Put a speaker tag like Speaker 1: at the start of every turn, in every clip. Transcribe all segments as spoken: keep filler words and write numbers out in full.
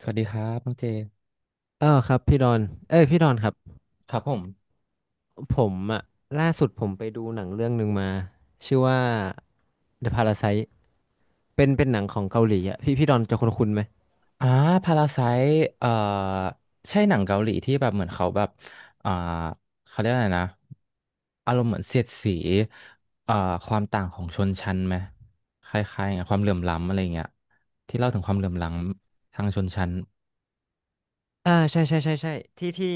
Speaker 1: สวัสดีครับน้องเจ
Speaker 2: เออครับพี่ดอน เอ้ยพี่ดอนครับ
Speaker 1: ครับผม
Speaker 2: ผมอะล่าสุดผมไปดูหนังเรื่องหนึ่งมาชื่อว่า The Parasite เป็นเป็นหนังของเกาหลีอะพี่พี่ดอนจะคุ้นๆไหม
Speaker 1: อ่าพาราไซเอ่อใช่หนังเกาหลีที่แบบเหมือนเขาแบบอ่าเขาเรียกอะไรนะอารมณ์เหมือนเสียดสีเอ่อความต่างของชนชั้นไหมคล้ายๆอย่างความเหลื่อมล้ำอะไรเงี้ยที่เล่าถึงความเหลื่อมล้ำทางชนชั้น
Speaker 2: อ่าใช่ใช่ใช่ใช่ที่ที่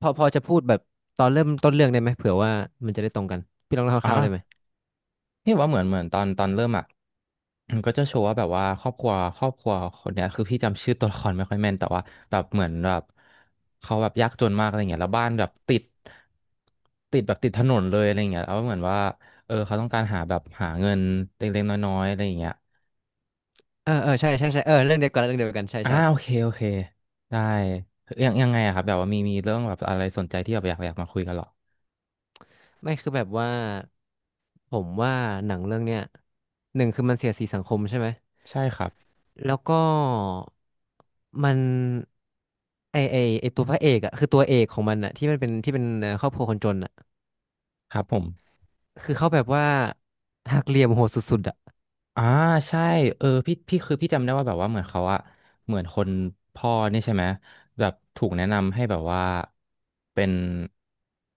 Speaker 2: พอพอจะพูดแบบตอนเริ่มต้นเรื่องได้ไหมเผื่อว่ามันจะได้ตรงกันพี่ลองเล่าคร่าวๆได้ไหม
Speaker 1: อ่า นี่ว่าเหมือนเหมือนตอนตอนเริ่มอ่ะมันก็จะโชว์ว่าแบบว่าครอบครัวครอบครัวคนเนี้ยคือพี่จำชื่อตัวละครไม่ค่อยแม่นแต่ว่าแบบเหมือนแบบเขาแบบยากจนมากอะไรเงี้ยแล้วบ้านแบบติดติดแบบติดถนนเลยอะไรเงี้ยแล้วเหมือนว่าเออเขาต้องการหาแบบหาเงินเล็กๆน้อยๆอะไรอย่างเงี้ย
Speaker 2: เออเออใช่ใช่ใช่เออเรื่องเดียวกันเรื่องเดียวกันใช่
Speaker 1: อ่า
Speaker 2: ใช่
Speaker 1: โอเคโอเคได้ยังยังไงอะครับแบบว่ามีมีเรื่องแบบอะไรสนใจที่แบบอยากอยากมาคุยกันเหรอ
Speaker 2: ไม่คือแบบว่าผมว่าหนังเรื่องเนี้ยหนึ่งคือมันเสียดสีสังคมใช่ไหม
Speaker 1: ใช่ครับ
Speaker 2: แล้วก็มันไอไอไอตัวพระเอกอะคือตัวเอกของมันอะที่มันเป็นที่เป็นเอ่อครอบครัวคนจนอะ
Speaker 1: ครับผม
Speaker 2: คือเขาแบบว่าหักเหลี่ยมโหดสุดๆอะ
Speaker 1: อ่าใช่เออพี่พี่คือพี่จำได้ว่าแบบว่าเหมือนเขาอะเหมือนคนพ่อนี่ใช่ไหมแบบถูกแนะนำให้แบบว่าเป็น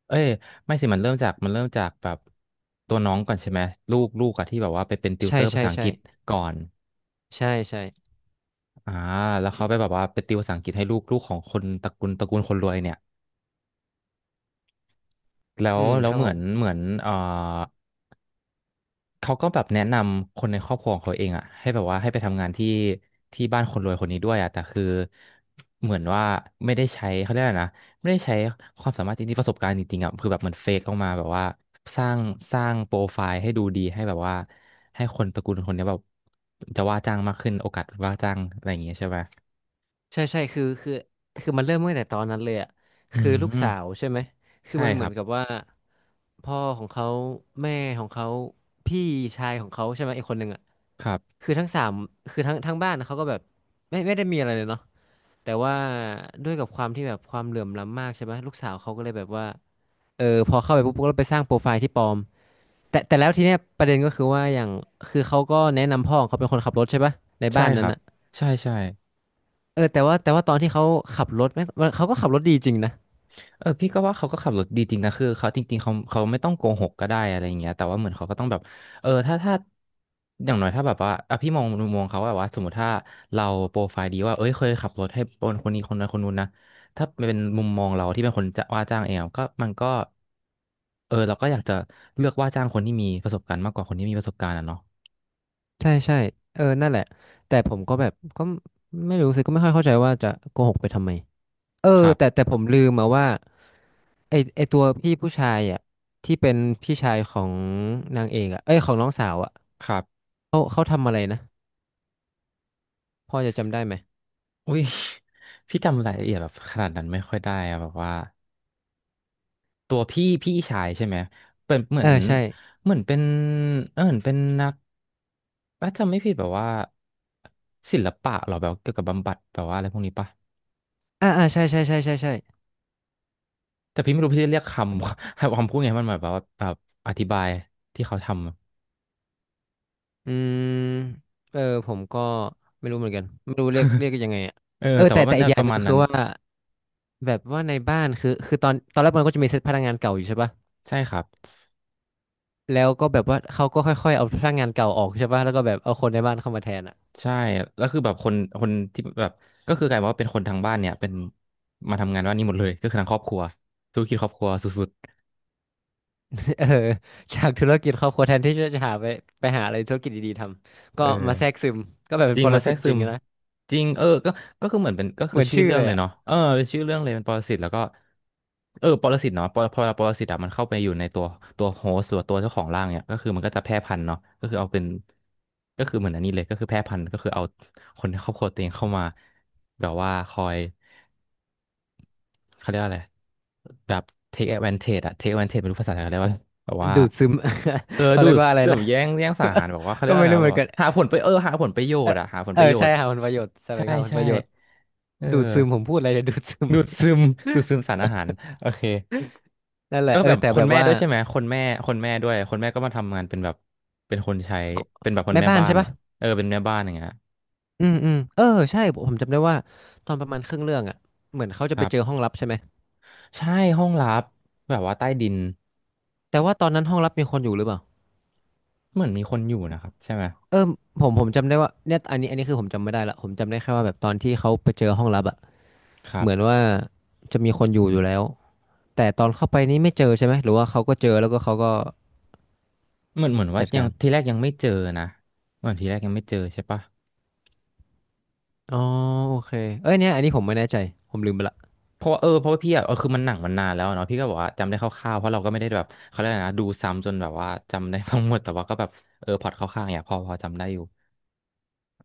Speaker 1: เอ้ยไม่สิมันเริ่มจากมันเริ่มจากแบบตัวน้องก่อนใช่ไหมลูกลูกอะที่แบบว่าไปเป็นติว
Speaker 2: ใช่
Speaker 1: เตอร์ภา
Speaker 2: ใช่
Speaker 1: ษาอัง
Speaker 2: ใช่
Speaker 1: กฤษก่อน
Speaker 2: ใช่ใช่
Speaker 1: อ่าแล้วเขาไปแบบว่าไปติวภาษาอังกฤษให้ลูกลูกของคนตระกูลตระกูลคนรวยเนี่ยแล้ว
Speaker 2: อืม
Speaker 1: แล้
Speaker 2: ค
Speaker 1: ว
Speaker 2: รับ
Speaker 1: เห
Speaker 2: ผ
Speaker 1: มือ
Speaker 2: ม
Speaker 1: นเหมือนเอ่อ เขาก็แบบแนะนำคนในครอบครัวของเขาเองอ่ะให้แบบว่าให้ไปทำงานที่ที่บ้านคนรวยคนนี้ด้วยอ่ะแต่คือเหมือนว่าไม่ได้ใช้เขาเรียกอะไรนะไม่ได้ใช้ความสามารถจริงๆประสบการณ์จริงๆอ่ะคือแบบมันเฟกออกมาแบบว่าสร้างสร้างโปรไฟล์ให้ดูดีให้แบบว่าให้คนตระกูลคนเนี้ยแบบจะว่าจ้างมากขึ้นโอกาสว่าจ้างอะไรอย่างเงี้ยใช่ไหม
Speaker 2: ใช่ใช่คือคือคือมันเริ่มตั้งแต่ตอนนั้นเลยอะ
Speaker 1: อื
Speaker 2: คือลูก
Speaker 1: ม
Speaker 2: สาวใช่ไหมคือ
Speaker 1: ใช่
Speaker 2: มัน
Speaker 1: ค
Speaker 2: เหมื
Speaker 1: รั
Speaker 2: อน
Speaker 1: บ
Speaker 2: กับว่าพ่อของเขาแม่ของเขาพี่ชายของเขาใช่ไหมอีกคนหนึ่งอะ
Speaker 1: ครับ
Speaker 2: คือทั้งสามคือทั้งทั้งบ้านเขาก็แบบไม่ไม่ได้มีอะไรเลยเนาะ แต่ว่าด้วยกับความที่แบบความเหลื่อมล้ำมากใช่ไหมลูกสาวเขาก็เลยแบบว่าเออพอเข้าไปปุ๊บก็ไปสร้างโปรไฟล์ที่ปลอมแต่แต่แล้วทีเนี้ยประเด็นก็คือว่าอย่างคือเขาก็แนะนำพ่อของเขาเป็นคนขับรถใช่ปะใน
Speaker 1: ใช่
Speaker 2: บ้าน
Speaker 1: ค
Speaker 2: นั้น
Speaker 1: รับ
Speaker 2: อ่ะ
Speaker 1: ใช่ใช่
Speaker 2: เออแต่ว่าแต่ว่าตอนที่เขาขับรถแม่งเขาก็ขับรถดีจริงนะ
Speaker 1: เออพี่ก็ว่าเขาก็ขับรถดีจริงนะคือเขาจริงๆเขาเขาไม่ต้องโกหกก็ได้อะไรอย่างเงี้ยแต่ว่าเหมือนเขาก็ต้องแบบเออถ้าถ้าอย่างน้อยถ้าแบบว่าอ่ะพี่มองมุมมองเขาว่าแบบว่าสมมติถ้าเราโปรไฟล์ดีว่าเอ้ยเคยขับรถให้คนคนนี้คนนั้นคนนู้นนะถ้าเป็นมุมมองเราที่เป็นคนจะว่าจ้างเองอะก็มันก็เออเราก็อยากจะเลือกว่าจ้างคนที่มีประสบการณ์มากกว่าคนที่มีประสบการณ์อะเนาะ
Speaker 2: ใช่ใช่เออนั่นแหละแต่ผมก็แบบก็ไม่รู้สิก็ไม่ค่อยเข้าใจว่าจะโกหกไปทำไมเออ
Speaker 1: ครั
Speaker 2: แต่
Speaker 1: บ
Speaker 2: แต่ผมลืมมาว่าไอไอตัวพี่ผู้ชายอ่ะที่เป็นพี่ชายของนางเอกอ่ะเอ้ยของน้องสาวอ่ะ
Speaker 1: ครับ
Speaker 2: เขาเขาทำอะไรนะ พอจะจำได้ไหม
Speaker 1: อุ้ย พี่จำรายละเอียดแบบขนาดนั้นไม่ค่อยได้อะแบบว่า ตัวพี่พี่ชายใช่ไหมเป็นเหมือ
Speaker 2: เอ
Speaker 1: น
Speaker 2: อใช่
Speaker 1: เหมือนเป็นเออเหมือนเป็นนักถ้าจำไม่ผิดแบบว่าศิลปะเหรอแบบเกี่ยวกับบำบัดแบบว่าอะไรพวกนี้ปะ
Speaker 2: อ่าอ่าใช่ใช่ใช่ใช่ใช่
Speaker 1: แต่พี่ไม่รู้พี่จะเรียกคำ คำพูดไงมันหมายแบบว่าแบบอธิบายที่เขาทำ
Speaker 2: อืมเออผมก็ไม่รู้เหมือนกัน ไม่รู้เรียกเรียกกันยังไงอ่ะ
Speaker 1: เออ
Speaker 2: เออ
Speaker 1: แต่
Speaker 2: แต่
Speaker 1: ว่า
Speaker 2: แต่
Speaker 1: มัน
Speaker 2: อีก
Speaker 1: น่า
Speaker 2: อ
Speaker 1: ป
Speaker 2: ย่างห
Speaker 1: ระ
Speaker 2: นึง
Speaker 1: มาณ
Speaker 2: ก็
Speaker 1: นั้
Speaker 2: คื
Speaker 1: น
Speaker 2: อว่าแบบว่าในบ้านคือคือตอนตอนแรกมันก็จะมีเซตพนักงานเก่าอยู่ใช่ปะ
Speaker 1: ใช่ครับ
Speaker 2: แล้วก็แบบว่าเขาก็ค่อยๆเอาพนักงานเก่าออกใช่ปะแล้วก็แบบเอาคนในบ้านเข้ามาแทนอ่ะ
Speaker 1: ใช่แล้วคือแบบคนคนที่แบบก็คือกลายเป็นว่าเป็นคนทางบ้านเนี่ยเป็นมาทำงานว่านนี่หมดเลยก็คือทางครอบครัวธุรกิจครอบครัวสุด
Speaker 2: เออจากธุรกิจครอบครัวแทนที่จะหาไปไปหาอะไรธุรกิจดีๆทำ
Speaker 1: ๆ
Speaker 2: ก็
Speaker 1: เอ
Speaker 2: มา
Speaker 1: อ
Speaker 2: แทรกซึมก็แบบเป็
Speaker 1: จ
Speaker 2: น
Speaker 1: ริง
Speaker 2: ปร
Speaker 1: มาแทร
Speaker 2: สิต
Speaker 1: กซึ
Speaker 2: จริง
Speaker 1: ม
Speaker 2: อะนะ
Speaker 1: จริงเออก็ก็คือเหมือนเป็นก็
Speaker 2: เห
Speaker 1: คือ
Speaker 2: มือน
Speaker 1: ชื่อ
Speaker 2: ชื่อ
Speaker 1: เรื่อ
Speaker 2: เล
Speaker 1: ง
Speaker 2: ย
Speaker 1: เลย
Speaker 2: อ่ะ
Speaker 1: เนาะเออเป็นชื่อเรื่องเลยเป็นปรสิตแล้วก็เออปรสิตเนาะปรพอปรสิตอะมันเข้าไปอยู่ในตัวตัวโฮสต์หรือตัวเจ้าของร่างเนี่ยก็คือมันก็จะแพร่พันธุ์เนาะก็คือเอาเป็นก็คือเหมือนอันนี้เลยก็คือแพร่พันธุ์ก็คือเอาคนในครอบครัวตัวเองเข้ามาแบบว่าคอยเขาเรียกว่าอะไรแบบ take advantage อะ take advantage ไม่รู้ภาษาไทยเขาเรียกว่าอะไรแบบว่า
Speaker 2: ดูดซึม
Speaker 1: เออ
Speaker 2: เขา
Speaker 1: ดู
Speaker 2: เรียก
Speaker 1: ด
Speaker 2: ว่าอะไร
Speaker 1: แบบ
Speaker 2: นะ
Speaker 1: แย่งแย่งสาหารแบบว่าเขาเรี
Speaker 2: ก็
Speaker 1: ยกว่า
Speaker 2: ไม่
Speaker 1: อะไร
Speaker 2: รู้
Speaker 1: นะ
Speaker 2: เห
Speaker 1: แบ
Speaker 2: มื
Speaker 1: บ
Speaker 2: อน
Speaker 1: ว่า
Speaker 2: กัน
Speaker 1: หาผลไปเออหาผลประโย
Speaker 2: เอ
Speaker 1: ช
Speaker 2: อ
Speaker 1: น์อะหาผล
Speaker 2: เอ
Speaker 1: ป
Speaker 2: อ
Speaker 1: ระโย
Speaker 2: ใช่
Speaker 1: ชน์
Speaker 2: หาผลประโยชน์แสว
Speaker 1: ใช่
Speaker 2: งหาผล
Speaker 1: ใช่
Speaker 2: ประโยชน์
Speaker 1: เออ
Speaker 2: ดูดซึมผมพูดอะไรเนี่ย ดูดซึม
Speaker 1: ดูดซึม ดูดซึมสารอาหารโอเค
Speaker 2: นั่นแห
Speaker 1: แล้
Speaker 2: ละ
Speaker 1: วก็
Speaker 2: เออ
Speaker 1: แบบ
Speaker 2: แต่
Speaker 1: ค
Speaker 2: แบ
Speaker 1: น
Speaker 2: บ
Speaker 1: แม่
Speaker 2: ว่า
Speaker 1: ด้วยใช่ไหมคนแม่คนแม่ด้วยคนแม่ก็มาทำงานเป็นแบบเป็นคนใช้เป็นแบบคน
Speaker 2: แม่
Speaker 1: แม่
Speaker 2: บ้าน
Speaker 1: บ้า
Speaker 2: ใช่
Speaker 1: น
Speaker 2: ปะ
Speaker 1: อะเออเป็นแม่บ้านอย่างเงี้ย
Speaker 2: อืมอืมเออใช่ผมจำได้ว่าตอนประมาณครึ่งเรื่องอ่ะเหมือนเขาจะ
Speaker 1: ค
Speaker 2: ไป
Speaker 1: รับ
Speaker 2: เจอห้องลับใช่ไหม
Speaker 1: ใช่ห้องลับแบบว่าใต้ดิน
Speaker 2: แต่ว่าตอนนั้นห้องลับมีคนอยู่หรือเปล่า
Speaker 1: เหมือนมีคนอยู่นะครับใช่ไหม
Speaker 2: เออผมผมจำได้ว่าเนี่ยอันนี้อันนี้คือผมจำไม่ได้ละผมจำได้แค่ว่าแบบตอนที่เขาไปเจอห้องลับอ่ะ
Speaker 1: ครั
Speaker 2: เหมือน
Speaker 1: บ
Speaker 2: ว่าจะมีคนอยู่อยู่แล้วแต่ตอนเข้าไปนี่ไม่เจอใช่ไหมหรือว่าเขาก็เจอแล้วก็เขาก็
Speaker 1: เหมือนเหมือนว่า
Speaker 2: จัด
Speaker 1: ยั
Speaker 2: กา
Speaker 1: ง
Speaker 2: ร
Speaker 1: ทีแรกยังไม่เจอนะเหมือนทีแรกยังไม่เจอใช่ปะ
Speaker 2: อ๋อโอเคเอ้ยเนี่ยอันนี้ผมไม่แน่ใจผมลืมไปละ
Speaker 1: เพราะว่าเออเพราะว่าพี่อะเออคือมันหนังมันนานแล้วเนาะพี่ก็บอกว่าจำได้คร่าวๆเพราะเราก็ไม่ได้แบบเขาเรียกอะไรนะดูซ้ำจนแบบว่าจำได้ทั้งหมดแต่ว่าก็แบบเออพล็อตคร่าวๆเนี่ยพอพอจำได้อยู่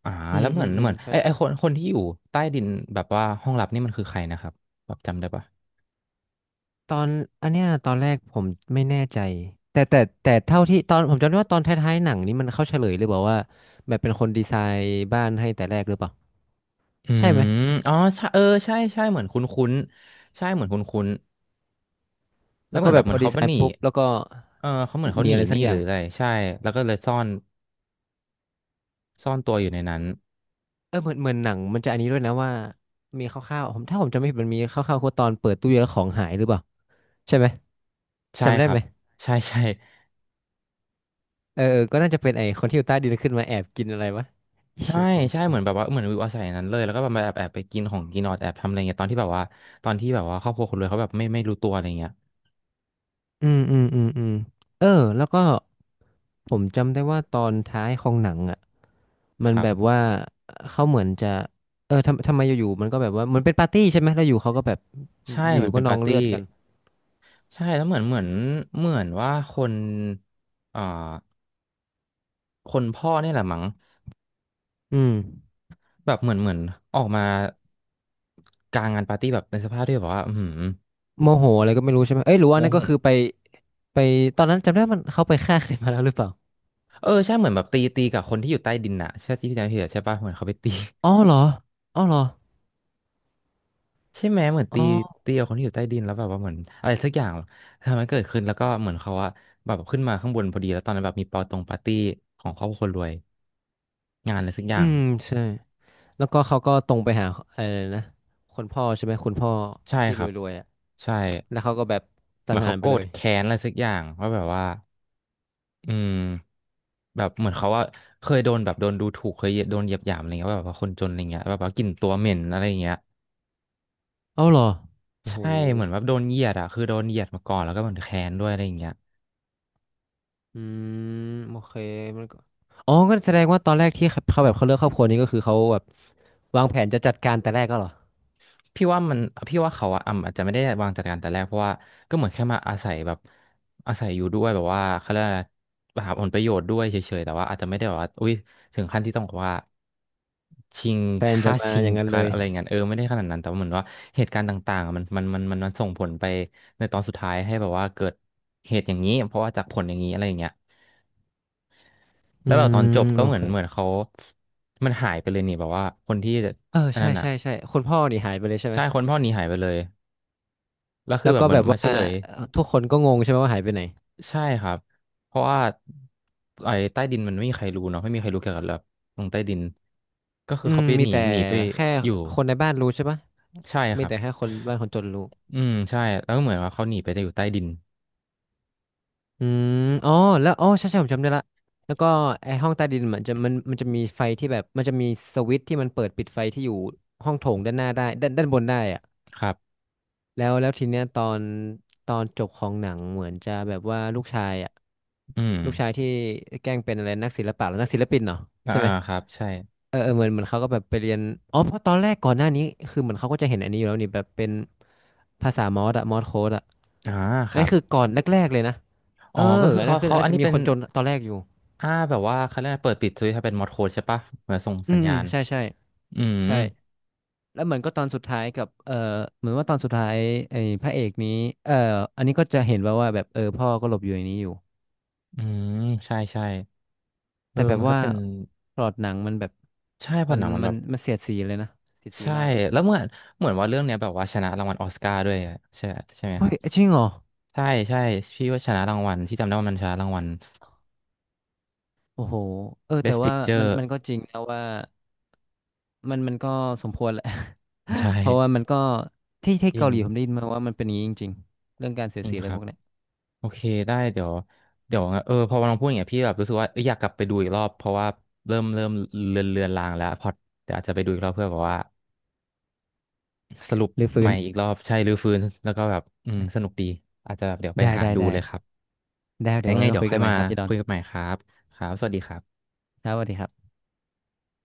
Speaker 1: อ่า
Speaker 2: อื
Speaker 1: แล้
Speaker 2: ม
Speaker 1: วเห
Speaker 2: อื
Speaker 1: มือน
Speaker 2: มอื
Speaker 1: เหมื
Speaker 2: ม
Speaker 1: อน
Speaker 2: ใช่
Speaker 1: ไอไอ
Speaker 2: ใช่
Speaker 1: คนคนที่อยู่ใต้ดินแบบว่าห้องลับนี่มันคือใครนะครับแบบจำได้ปะ
Speaker 2: ตอนอันเนี้ยตอนแรกผมไม่แน่ใจแต่แต่แต่เท่าที่ตอนผมจำได้ว่าตอนท้ายๆหนังนี้มันเข้าเฉลยหรือเปลยบอกว่าแบบเป็นคนดีไซน์บ้านให้แต่แรกหรือเปล่า
Speaker 1: อื
Speaker 2: ใช่ไหม
Speaker 1: มอ๋อใช่เออใช่ใช่เหมือนคุ้นคุ้นใช่เหมือนคุ้นคุ้นแล้ว
Speaker 2: แล้ว
Speaker 1: เหมื
Speaker 2: ก็
Speaker 1: อน
Speaker 2: แบ
Speaker 1: แบบ
Speaker 2: บ
Speaker 1: เห
Speaker 2: พ
Speaker 1: มือ
Speaker 2: อ
Speaker 1: น
Speaker 2: ดี
Speaker 1: เขาไป
Speaker 2: ไซ
Speaker 1: หนี
Speaker 2: น์ปุ๊บแล้วก็
Speaker 1: เออเขาเหมือน
Speaker 2: ห
Speaker 1: เขา
Speaker 2: นี
Speaker 1: หนี
Speaker 2: อะไร
Speaker 1: ห
Speaker 2: สั
Speaker 1: นี้
Speaker 2: กอ
Speaker 1: ห
Speaker 2: ย่า
Speaker 1: รือ
Speaker 2: ง
Speaker 1: อะไรใช่แล้วก็เลยซ่อนซ่อนตัวอยู่ในนั้น
Speaker 2: เออเหมือนเหมือนหนังมันจะอันนี้ด้วยนะว่ามีคร่าวๆผมถ้าผมจำไม่ผิดมันมีคร่าวๆคือตอนเปิดตู้เย็นแล้วของหายหรือเปล่าใช่ไหม
Speaker 1: ใช่
Speaker 2: จำได้
Speaker 1: ครั
Speaker 2: ไห
Speaker 1: บ
Speaker 2: ม
Speaker 1: ใช่ใช่
Speaker 2: เออเออก็น่าจะเป็นไอ้คนที่อยู่ใต้ดินขึ้นมาแอบกินอะไรวะ
Speaker 1: ใช่
Speaker 2: หิวของ
Speaker 1: ใช่
Speaker 2: กิ
Speaker 1: เหมือนแบ
Speaker 2: น
Speaker 1: บว่าเหมือนวิวอาศัยอย่างนั้นเลยแล้วก็แบบมาแอบแอบไปกินของกินออดแอบทำอะไรเงี้ยตอนที่แบบว่าตอนที่แบบว่าครอบครัวคนรวยเขาแบบไม่ไม่รู้ตัวอะไรเงี้ย
Speaker 2: อืมอืมอืมอืมเออแล้วก็ผมจำได้ว่าตอนท้ายของหนังอ่ะ มั
Speaker 1: ค
Speaker 2: น
Speaker 1: รั
Speaker 2: แบบ
Speaker 1: บ
Speaker 2: ว่าเขาเหมือนจะเออทำทำไมอยู่ๆมันก็แบบว่าเหมือนเป็นปาร์ตี้ใช่ไหมแล้วอยู่เขาก็แบบ
Speaker 1: ใช่
Speaker 2: อ
Speaker 1: เหมือ
Speaker 2: ยู่
Speaker 1: น
Speaker 2: ก็
Speaker 1: เป็น
Speaker 2: นอ
Speaker 1: ปา
Speaker 2: ง
Speaker 1: ร์ตี้
Speaker 2: เลือดกัน
Speaker 1: ใช่แล้วเหมือนเหมือนเหมือนว่าคนอ่าคนพ่อเนี่ยแหละมั้ง
Speaker 2: อืม
Speaker 1: แบบเหมือนเหมือนออกมากลางงานปาร์ตี้แบบในสภาพที่แบบว่าอืม
Speaker 2: โมโหอะไรก็ไม่รู้ใช่ไหมเอ้ยหรือ
Speaker 1: โม
Speaker 2: ว่านั่น
Speaker 1: โห
Speaker 2: ก็คือไปไปตอนนั้นจำได้มันเขาไปฆ่าใครมาแล้วหรือเปล่า
Speaker 1: เออใช่เหมือนแบบตีตีกับคนที่อยู่ใต้ดินน่ะใช่ที่พี่จำไม่ผิดอะใช่ปะเหมือนเขาไปตี
Speaker 2: อ๋อเหรออ๋อเหรอ
Speaker 1: ใช่ไหมเหมือน
Speaker 2: อ๋
Speaker 1: ตี
Speaker 2: อ
Speaker 1: ตีกับคนที่อยู่ใต้ดินแล้วแบบว่าเหมือนอะไรสักอย่างทำให้เกิดขึ้นแล้วก็เหมือนเขาอะแบบขึ้นมาข้างบนพอดีแล้วตอนนั้นแบบมีปาตรงปาร์ตี้ของครอบครัวคนรวยงานอะไรสักอ
Speaker 2: อื
Speaker 1: ย่าง
Speaker 2: มใช่แล้วก็เขาก็ตรงไปหาอะไรนะคนพ่อใช่ไหมคุณพ่อ
Speaker 1: ใช่
Speaker 2: ที่
Speaker 1: ค
Speaker 2: ร
Speaker 1: รับ
Speaker 2: วยๆอ่ะ
Speaker 1: ใช่
Speaker 2: แล้วเขาก็แบบสั
Speaker 1: เหมื
Speaker 2: ง
Speaker 1: อน
Speaker 2: หา
Speaker 1: เขา
Speaker 2: รไป
Speaker 1: โกร
Speaker 2: เล
Speaker 1: ธ
Speaker 2: ย
Speaker 1: แค้นอะไรสักอย่างว่าแบบว่าอืมแบบเหมือนเขาว่าเคยโดนแบบโดนดูถูกเคยโดนเหยียดหยามอะไรเงี้ยว่าแบบว่าคนจนอะไรเงี้ยแบบว่ากลิ่นตัวเหม็นอะไรอย่างเงี้ย
Speaker 2: เอาเหรอโอ้โห
Speaker 1: ใช่เหมือนว่าโดนเหยียดอ่ะคือโดนเหยียดมาก่อนแล้วก็เหมือนแค้นด้วยอะไรเงี้ย
Speaker 2: อืมโอเคมันก็อ๋อก็แสดงว่าตอนแรกที่เขาแบบเขาเลือกครอบครัวนี้ก็คือเขาแบบวางแผนจะจัดการแต่แรกก็เหรอ
Speaker 1: พี่ว่ามันพี่ว่าเขาอะอ่ำอาจจะไม่ได้วางจัดการแต่แรกเพราะว่าก็เหมือนแค่มาอาศัยแบบอาศัยอยู่ด้วยแบบว่าเขาเรียกอะไรหาผลประโยชน์ด้วยเฉยๆแต่ว่าอาจจะไม่ได้แบบว่าอุ้ยถึงขั้นที่ต้องแบอกว่าชิง
Speaker 2: แพลนจะ
Speaker 1: ค่า
Speaker 2: มา
Speaker 1: ชิ
Speaker 2: อ
Speaker 1: ง
Speaker 2: ย่างนั้น
Speaker 1: กั
Speaker 2: เล
Speaker 1: น
Speaker 2: ย
Speaker 1: อะไรเงี้ยเออไม่ได้ขนาดนั้นแต่ว่าเหมือนว่าเหตุการณ์ต่างๆอะมันมันมันมันมันส่งผลไปในตอนสุดท้ายให้แบบว่าเกิดเหตุอย่างนี้เพราะว่าจากผลอย่างนี้อะไรอย่างเงี้ย
Speaker 2: อื
Speaker 1: แล้วแบบตอน
Speaker 2: ม
Speaker 1: จบก็
Speaker 2: โอ
Speaker 1: เหมือ
Speaker 2: เค
Speaker 1: นเหมือนเขามันหายไปเลยนี่แบบว่าคนที่
Speaker 2: เออ
Speaker 1: อัน
Speaker 2: ใช่
Speaker 1: นั้นอ่ะ
Speaker 2: ใช่ใช่คุณพ่อนี่หายไปเลยใช่ไหม
Speaker 1: ใช่คนพ่อหนี้หายไปเลย แล้วคื
Speaker 2: แล้
Speaker 1: อ
Speaker 2: ว
Speaker 1: แบ
Speaker 2: ก็
Speaker 1: บเหมือ
Speaker 2: แบ
Speaker 1: น
Speaker 2: บ
Speaker 1: มา
Speaker 2: ว่า
Speaker 1: เฉลย
Speaker 2: เอ่อทุกคนก็งงใช่ไหมว่าหายไปไหน
Speaker 1: ใช่ครับเพราะว่าไอ้ใต้ดินมันไม่มีใครรู้เนาะไม่มีใครรู้เกี่ยวกับแบบลงใต้ดินก็คื
Speaker 2: อื
Speaker 1: อ
Speaker 2: ม
Speaker 1: เขาไป
Speaker 2: มี
Speaker 1: หนี
Speaker 2: แต่
Speaker 1: หนีไป
Speaker 2: แค่
Speaker 1: อยู่
Speaker 2: คนในบ้านรู้ใช่ปะ
Speaker 1: ใช่ค
Speaker 2: มี
Speaker 1: รับ
Speaker 2: แต่แค่คนบ้านคนจนรู้
Speaker 1: อืมใช่แล้วก็เหมือนว่าเขาหนีไปได้อยู่ใต้ดิน
Speaker 2: อืมอ๋อแล้วอ๋อใช่ใช่ผมจำได้ละแล้วก็ไอห้องใต้ดินมันจะมันมันจะมีไฟที่แบบมันจะมีสวิตช์ที่มันเปิดปิดไฟที่อยู่ห้องโถงด้านหน้าได้ด้านด้านบนได้อะ
Speaker 1: ครับ
Speaker 2: แล้วแล้วทีเนี้ยตอนตอนจบของหนังเหมือนจะแบบว่าลูกชายอะ
Speaker 1: อืม
Speaker 2: ลูกชายที่แกล้งเป็นอะไรนักศิลปะหรือนักศิลปินเนาะ
Speaker 1: อ่า
Speaker 2: ใช่ไหม
Speaker 1: ครับใช่
Speaker 2: เออเออเหมือนเหมือนเขาก็แบบไปเรียนอ๋อเพราะตอนแรกก่อนหน้านี้คือเหมือนเขาก็จะเห็นอันนี้อยู่แล้วนี่แบบเป็นภาษามอสอะมอสโค้ดอะ
Speaker 1: อ่าค
Speaker 2: อัน
Speaker 1: รั
Speaker 2: นี้
Speaker 1: บ
Speaker 2: คือก่อนแรกๆเลยนะเอ
Speaker 1: อ๋อ
Speaker 2: อ
Speaker 1: ก็คือ
Speaker 2: อัน
Speaker 1: เขา
Speaker 2: นั้นคือ
Speaker 1: เขา
Speaker 2: อา
Speaker 1: อั
Speaker 2: จ
Speaker 1: น
Speaker 2: จะ
Speaker 1: นี้
Speaker 2: มี
Speaker 1: เป็
Speaker 2: ค
Speaker 1: น
Speaker 2: นจนตอนแรกอยู่
Speaker 1: อ่าแบบว่าเขาเรียกอะไรเปิดปิดสวิตช์ให้เป็นมอดโค้ดใช่ปะเหมือนส่ง
Speaker 2: อื
Speaker 1: สัญ
Speaker 2: มอื
Speaker 1: ญา
Speaker 2: ม
Speaker 1: ณ
Speaker 2: ใช่ใช่
Speaker 1: อืม
Speaker 2: ใช่แล้วเหมือนก็ตอนสุดท้ายกับเออเหมือนว่าตอนสุดท้ายไอ้พระเอกนี้เอออันนี้ก็จะเห็นว่าว่าแบบเออพ่อก็หลบอยู่ในนี้อยู่
Speaker 1: อืมใช่ใช่เอ
Speaker 2: แต่
Speaker 1: อ
Speaker 2: แบบ
Speaker 1: มันก็
Speaker 2: ว่า
Speaker 1: เป็น
Speaker 2: พล็อตหนังมันแบบ
Speaker 1: ใช่พอ
Speaker 2: มั
Speaker 1: ห
Speaker 2: น
Speaker 1: นังมัน
Speaker 2: มั
Speaker 1: แบ
Speaker 2: น
Speaker 1: บ
Speaker 2: มันเสียดสีเลยนะเสียดสี
Speaker 1: ใช่
Speaker 2: มากอ่ะ
Speaker 1: แล้วเหมือนเหมือนว่าเรื่องเนี้ยแบบว่าชนะรางวัลออสการ์ด้วยอะใช่ใช่ไหมค
Speaker 2: เฮ้
Speaker 1: รั
Speaker 2: ย
Speaker 1: บ
Speaker 2: จริงเหรอ
Speaker 1: ใช่ใช่พี่ว่าชนะรางวัลที่จำได้ว่ามันชนะรางวัล
Speaker 2: โอ้โหเออแต่
Speaker 1: Best
Speaker 2: ว่ามัน
Speaker 1: Picture
Speaker 2: มันก็จริงนะว่ามันมันก็สมควรแหละ
Speaker 1: ใช่
Speaker 2: เพราะว่ามันก็ที่ที่
Speaker 1: จริ
Speaker 2: เกา
Speaker 1: ง
Speaker 2: หลีผมได้ยินมาว่ามันเป็นอย่างนี้จริงๆเรื่องการเสีย
Speaker 1: จ
Speaker 2: ด
Speaker 1: ริ
Speaker 2: สี
Speaker 1: ง
Speaker 2: อะไร
Speaker 1: ครั
Speaker 2: พ
Speaker 1: บ
Speaker 2: วกเนี้ย
Speaker 1: โอเคได้เดี๋ยวเดี๋ยวเออพอเราพูดอย่างเงี้ยพี่แบบรู้สึกว่าเอ้ยอยากกลับไปดูอีกรอบเพราะว่าเริ่มเริ่มเลือนเลือนลางแล้วพอเดี๋ยวอาจจะไปดูอีกรอบเพื่อแบบว่าสรุป
Speaker 2: หรือ
Speaker 1: ให
Speaker 2: ฟื้
Speaker 1: ม่
Speaker 2: น
Speaker 1: อีกรอบใช่รื้อฟื้นแล้วก็แบบอืมสนุกดีอาจจะแบบเดี๋ยวไป
Speaker 2: ได้
Speaker 1: หา
Speaker 2: ได้
Speaker 1: ดู
Speaker 2: ได้
Speaker 1: เลยครับ
Speaker 2: ได้เดี๋ย
Speaker 1: ยั
Speaker 2: ว
Speaker 1: งไง
Speaker 2: ไว้มา
Speaker 1: เดี๋ยว
Speaker 2: คุย
Speaker 1: ค่อ
Speaker 2: กั
Speaker 1: ย
Speaker 2: นใหม่
Speaker 1: มา
Speaker 2: ครับพี่ดอ
Speaker 1: คุ
Speaker 2: น
Speaker 1: ยกันใหม่ครับครับสวัสดีครับ
Speaker 2: ครับสวัสดีครับ